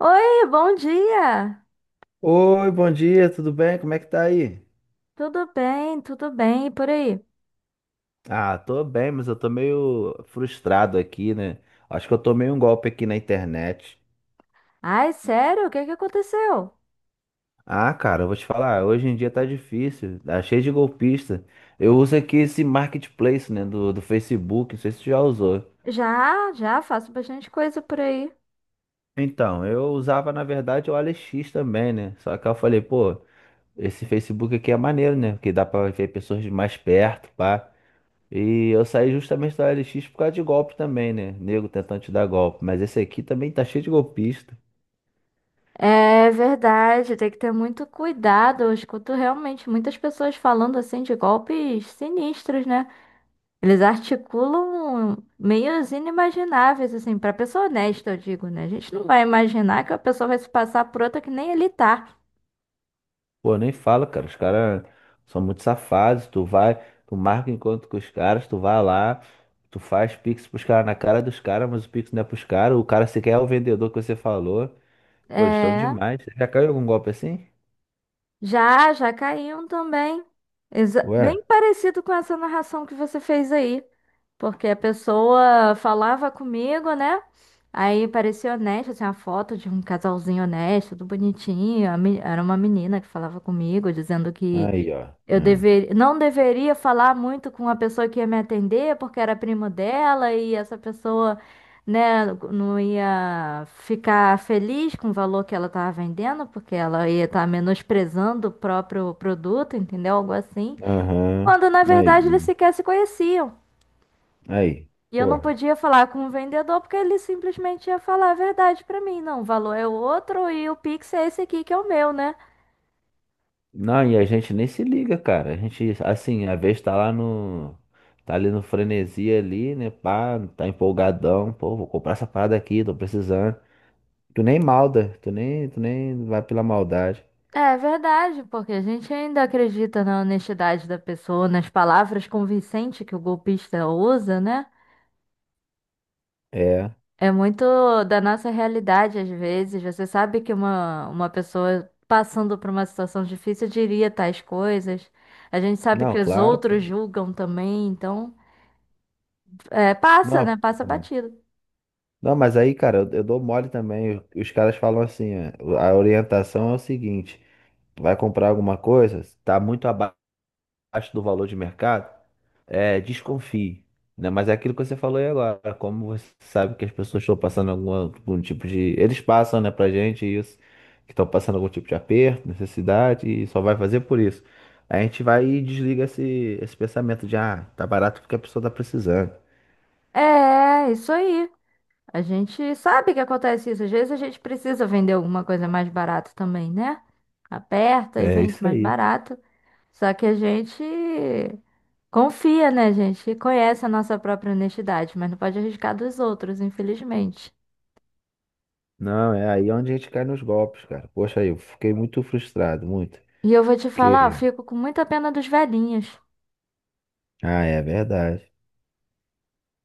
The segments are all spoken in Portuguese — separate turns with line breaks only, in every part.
Oi, bom dia!
Oi, bom dia, tudo bem? Como é que tá aí?
Tudo bem, e por aí?
Ah, tô bem, mas eu tô meio frustrado aqui, né? Acho que eu tomei um golpe aqui na internet.
Ai, sério, o que que aconteceu?
Ah, cara, eu vou te falar, hoje em dia tá difícil, tá cheio de golpista. Eu uso aqui esse marketplace, né, do Facebook, não sei se tu já usou.
Já, já faço bastante coisa por aí.
Então, eu usava, na verdade, o AliEx também, né? Só que eu falei, pô, esse Facebook aqui é maneiro, né? Porque dá pra ver pessoas de mais perto, pá. E eu saí justamente da OLX por causa de golpe também, né? Nego tentando te dar golpe. Mas esse aqui também tá cheio de golpista.
É verdade, tem que ter muito cuidado. Eu escuto realmente muitas pessoas falando assim de golpes sinistros, né? Eles articulam meios inimagináveis, assim, pra pessoa honesta, eu digo, né? A gente não vai imaginar que a pessoa vai se passar por outra que nem ele tá.
Pô, nem fala, cara. Os caras são muito safados. Tu vai, tu marca encontro com os caras, tu vai lá, tu faz pix pros caras na cara dos caras, mas o pix não é pros caras. O cara sequer é o vendedor que você falou. Pô, eles estão
É,
demais. Você já caiu em algum golpe assim?
já, já caíam também.
Ué?
Bem parecido com essa narração que você fez aí. Porque a pessoa falava comigo, né? Aí parecia honesto, tinha uma foto de um casalzinho honesto, tudo bonitinho. Era uma menina que falava comigo, dizendo que
Aí, ó. Hum.
não deveria falar muito com a pessoa que ia me atender, porque era primo dela e essa pessoa, né, não ia ficar feliz com o valor que ela estava vendendo, porque ela ia estar menosprezando o próprio produto, entendeu? Algo assim.
Aham.
Quando na
Aí.
verdade eles
Hum.
sequer se conheciam.
Aí.
E eu não
Porra.
podia falar com o vendedor porque ele simplesmente ia falar a verdade para mim. Não, o valor é outro e o Pix é esse aqui que é o meu, né?
Não, e a gente nem se liga, cara. A gente, assim, às vezes tá lá no. Tá ali no frenesi ali, né? Pá, tá empolgadão. Pô, vou comprar essa parada aqui, tô precisando. Tu nem malda, tu nem vai pela maldade.
É verdade, porque a gente ainda acredita na honestidade da pessoa, nas palavras convincentes que o golpista usa, né?
É.
É muito da nossa realidade, às vezes. Você sabe que uma pessoa passando por uma situação difícil diria tais coisas. A gente sabe
Não,
que os
claro,
outros
pô.
julgam também, então é, passa, né?
Não,
Passa batido.
não, mas aí, cara, eu dou mole também. Os caras falam assim, ó, a orientação é o seguinte, vai comprar alguma coisa, tá muito abaixo. Do valor de mercado, é, desconfie, né? Mas é aquilo que você falou aí agora, como você sabe que as pessoas estão passando algum tipo de. Eles passam, né, pra gente isso, que estão passando algum tipo de aperto, necessidade, e só vai fazer por isso. A gente vai e desliga esse pensamento de, ah, tá barato porque a pessoa tá precisando.
É, isso aí. A gente sabe que acontece isso. Às vezes a gente precisa vender alguma coisa mais barata também, né? Aperta e
É
vende
isso
mais
aí.
barato. Só que a gente confia, né, gente? E conhece a nossa própria honestidade, mas não pode arriscar dos outros, infelizmente.
Não, é aí onde a gente cai nos golpes, cara. Poxa, aí, eu fiquei muito frustrado, muito.
E eu vou te falar, eu
Porque.
fico com muita pena dos velhinhos.
Ah, é verdade.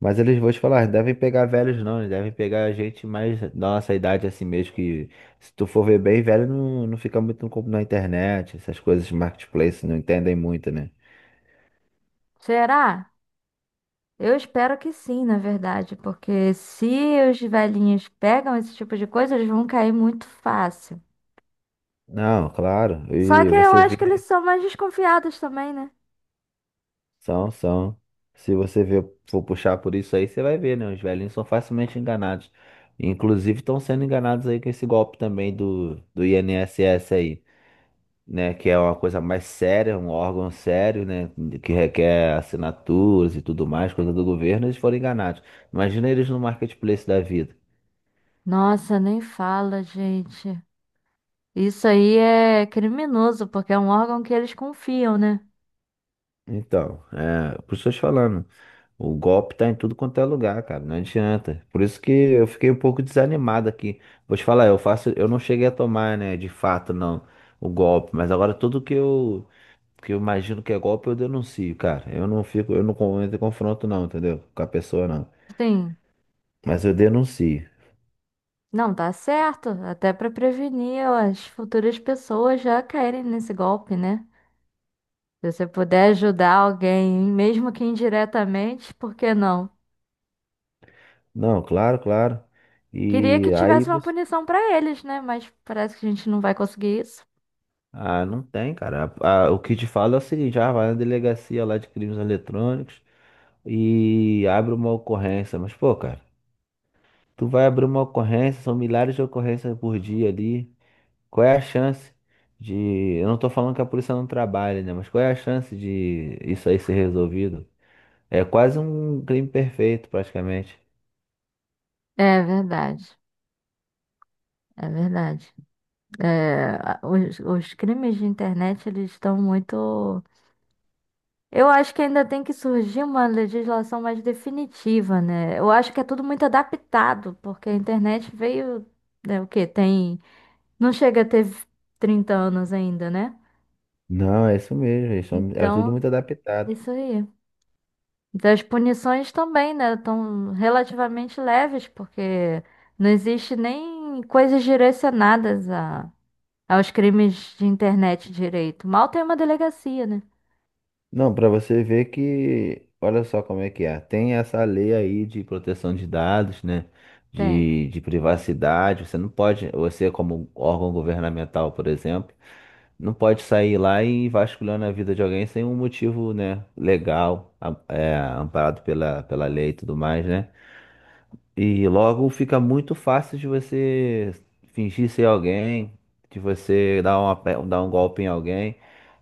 Mas eles, vou te falar, não devem pegar velhos não, eles devem pegar gente mais da nossa idade assim mesmo, que se tu for ver bem, velho não, não fica muito no na internet, essas coisas de marketplace não entendem muito, né?
Será? Eu espero que sim, na verdade, porque se os velhinhos pegam esse tipo de coisa, eles vão cair muito fácil.
Não, claro,
Só
e
que eu
você
acho que
vê,
eles são mais desconfiados também, né?
são, são. Se você for puxar por isso aí, você vai ver, né? Os velhinhos são facilmente enganados. Inclusive estão sendo enganados aí com esse golpe também do INSS aí. Né? Que é uma coisa mais séria, um órgão sério, né? Que requer assinaturas e tudo mais, coisa do governo, eles foram enganados. Imagina eles no marketplace da vida.
Nossa, nem fala, gente. Isso aí é criminoso, porque é um órgão que eles confiam, né?
Então, é, por isso eu tô te falando, o golpe tá em tudo quanto é lugar, cara, não adianta. Por isso que eu fiquei um pouco desanimado aqui. Vou te falar, eu faço, eu não cheguei a tomar, né, de fato, não, o golpe, mas agora tudo que eu imagino que é golpe, eu denuncio, cara. Eu não fico, eu não entro em confronto não, entendeu? Com a pessoa não.
Sim.
Mas eu denuncio.
Não, tá certo. Até para prevenir as futuras pessoas já caírem nesse golpe, né? Se você puder ajudar alguém, mesmo que indiretamente, por que não?
Não, claro, claro.
Queria que
E aí
tivesse uma
você.
punição para eles, né? Mas parece que a gente não vai conseguir isso.
Ah, não tem, cara. Ah, o que te falo é o seguinte: vai na delegacia lá de crimes eletrônicos e abre uma ocorrência. Mas, pô, cara, tu vai abrir uma ocorrência, são milhares de ocorrências por dia ali. Qual é a chance de. Eu não tô falando que a polícia não trabalha, né? Mas qual é a chance de isso aí ser resolvido? É quase um crime perfeito, praticamente.
É verdade, é verdade. É, os crimes de internet, eles estão muito. Eu acho que ainda tem que surgir uma legislação mais definitiva, né? Eu acho que é tudo muito adaptado, porque a internet veio, né, o quê? Tem, não chega a ter 30 anos ainda, né?
Não, é isso mesmo. É tudo
Então,
muito adaptado.
isso aí. Das punições também, né? Estão relativamente leves, porque não existe nem coisas direcionadas a, aos crimes de internet direito. Mal tem uma delegacia, né?
Não, para você ver que, olha só como é que é. Tem essa lei aí de proteção de dados, né?
Tem.
De privacidade. Você não pode, você como órgão governamental, por exemplo, não pode sair lá e vasculhando a vida de alguém sem um motivo, né? Legal, é, amparado pela lei e tudo mais, né? E logo fica muito fácil de você fingir ser alguém, de você dar um golpe em alguém,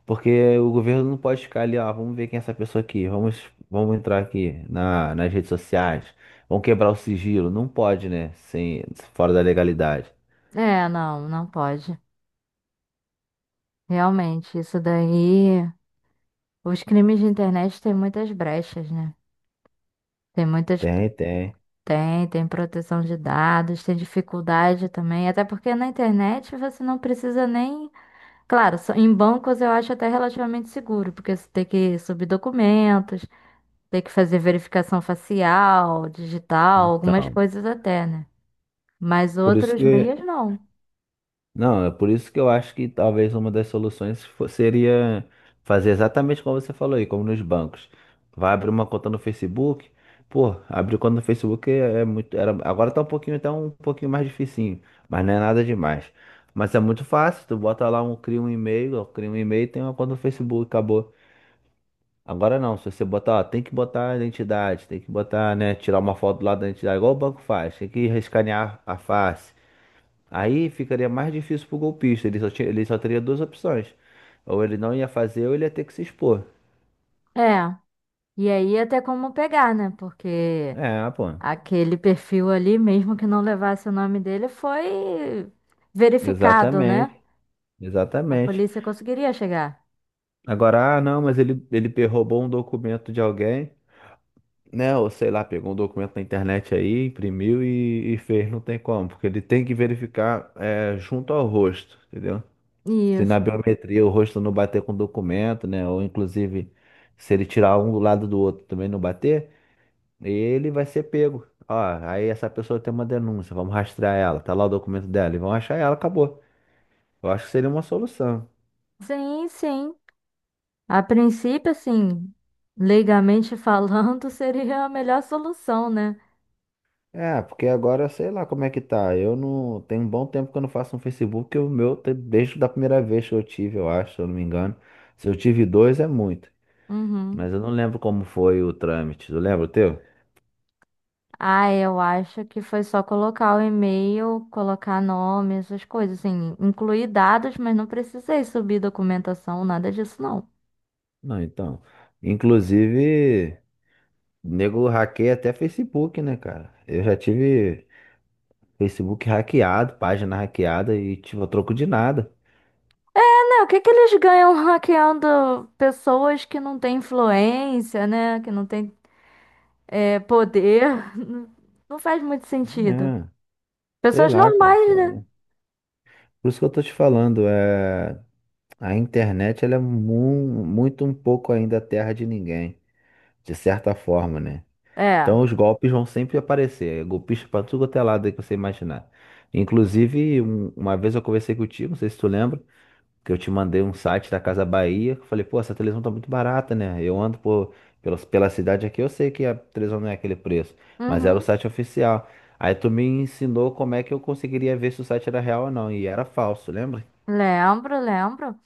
porque o governo não pode ficar ali, ó, vamos ver quem é essa pessoa aqui, vamos entrar aqui nas redes sociais, vamos quebrar o sigilo. Não pode, né? Sem, fora da legalidade.
É, não, não pode. Realmente, isso daí. Os crimes de internet têm muitas brechas, né? Tem muitas.
Tem, tem.
Tem, tem proteção de dados, tem dificuldade também. Até porque na internet você não precisa nem. Claro, em bancos eu acho até relativamente seguro, porque você tem que subir documentos, tem que fazer verificação facial, digital, algumas
Então,
coisas até, né? Mas
por isso
outros meios
que
não.
Não, é por isso que eu acho que talvez uma das soluções seria fazer exatamente como você falou aí, como nos bancos. Vai abrir uma conta no Facebook. Pô, abrir conta no Facebook é muito. Era, agora tá um pouquinho, mais dificinho, mas não é nada demais. Mas é muito fácil, tu bota lá um, cria um e-mail, ó, cria um e-mail e tem uma conta no Facebook, acabou. Agora não, se você botar, ó, tem que botar a identidade, tem que botar, né, tirar uma foto lá da identidade, igual o banco faz, tem que escanear a face. Aí ficaria mais difícil pro golpista. Ele só teria duas opções. Ou ele não ia fazer, ou ele ia ter que se expor.
É. E aí até como pegar, né? Porque.
É, pô.
Aquele perfil ali, mesmo que não levasse o nome dele, foi verificado, né?
Exatamente.
A
Exatamente.
polícia conseguiria chegar.
Agora, não, mas ele roubou um documento de alguém, né? Ou sei lá, pegou um documento na internet aí, imprimiu e fez. Não tem como, porque ele tem que verificar junto ao rosto, entendeu? Se na
Isso.
biometria o rosto não bater com o documento, né? Ou inclusive, se ele tirar um do lado do outro também não bater. Ele vai ser pego. Ó, aí essa pessoa tem uma denúncia, vamos rastrear ela, tá lá o documento dela, e vão achar ela, acabou. Eu acho que seria uma solução.
Sim, sim. A princípio, assim, legalmente falando, seria a melhor solução, né?
É, porque agora sei lá como é que tá. Eu não. Tem um bom tempo que eu não faço um Facebook, o meu desde da primeira vez que eu tive, eu acho, se eu não me engano. Se eu tive dois é muito.
Uhum.
Mas eu não lembro como foi o trâmite. Tu lembra o teu?
Ah, eu acho que foi só colocar o e-mail, colocar nome, essas coisas, assim, incluir dados, mas não precisei subir documentação, nada disso, não.
Não, então. Inclusive, nego hackeia até Facebook, né, cara? Eu já tive. Facebook hackeado, página hackeada e, tipo, a troco de nada.
É, o que que eles ganham hackeando pessoas que não têm influência, né? Que não têm é, poder. Não faz muito sentido.
É, sei
Pessoas
lá, cara.
normais, né?
É. Por isso que eu tô te falando. A internet ela é muito um pouco ainda terra de ninguém, de certa forma, né?
É.
Então os golpes vão sempre aparecer, é golpista pra tudo quanto é lado aí que você imaginar. Inclusive, uma vez eu conversei contigo, não sei se tu lembra, que eu te mandei um site da Casa Bahia, que eu falei, pô, essa televisão tá muito barata, né? Eu ando pela cidade aqui, eu sei que a televisão não é aquele preço, mas era o
Uhum.
site oficial. Aí tu me ensinou como é que eu conseguiria ver se o site era real ou não, e era falso, lembra?
Lembro, lembro.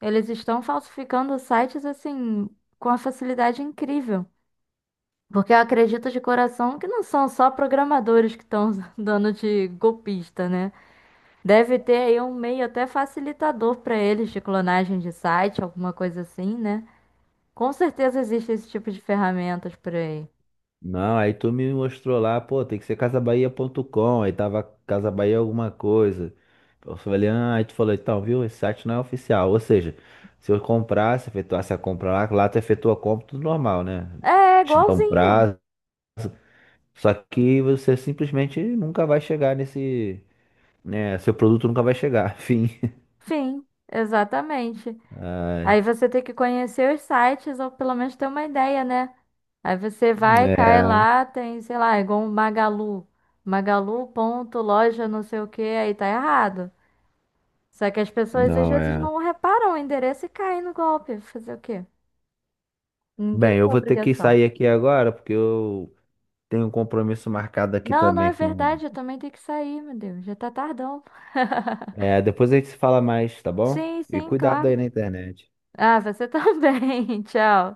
Eles estão falsificando sites assim com uma facilidade incrível. Porque eu acredito de coração que não são só programadores que estão dando de golpista, né? Deve ter aí um meio até facilitador para eles de clonagem de site, alguma coisa assim, né? Com certeza existe esse tipo de ferramentas por aí.
Não, aí tu me mostrou lá, pô, tem que ser casabahia.com, aí tava Casa Bahia alguma coisa. Eu falei, ah, aí tu falou, então, viu, esse site não é oficial, ou seja, se eu comprasse, efetuasse a compra lá, lá tu efetua a compra, tudo normal, né?
É, é
Te dá um
igualzinho.
prazo. Só que você simplesmente nunca vai chegar nesse, né? Seu produto nunca vai chegar, fim.
Sim, exatamente.
Ai,
Aí você tem que conhecer os sites ou pelo menos ter uma ideia, né? Aí você vai, cai
é,
lá, tem, sei lá, é igual um Magalu. Magalu ponto loja não sei o que, aí tá errado. Só que as pessoas às
não
vezes
é.
não reparam o endereço e caem no golpe. Fazer o quê? Ninguém
Bem, eu
tem
vou ter que
obrigação.
sair aqui agora porque eu tenho um compromisso marcado aqui
Não, não é
também com.
verdade, eu também tenho que sair, meu Deus, já tá tardão.
É, depois a gente se fala mais, tá bom?
Sim,
E
sim,
cuidado
claro.
aí na internet.
Ah, você também. Tchau.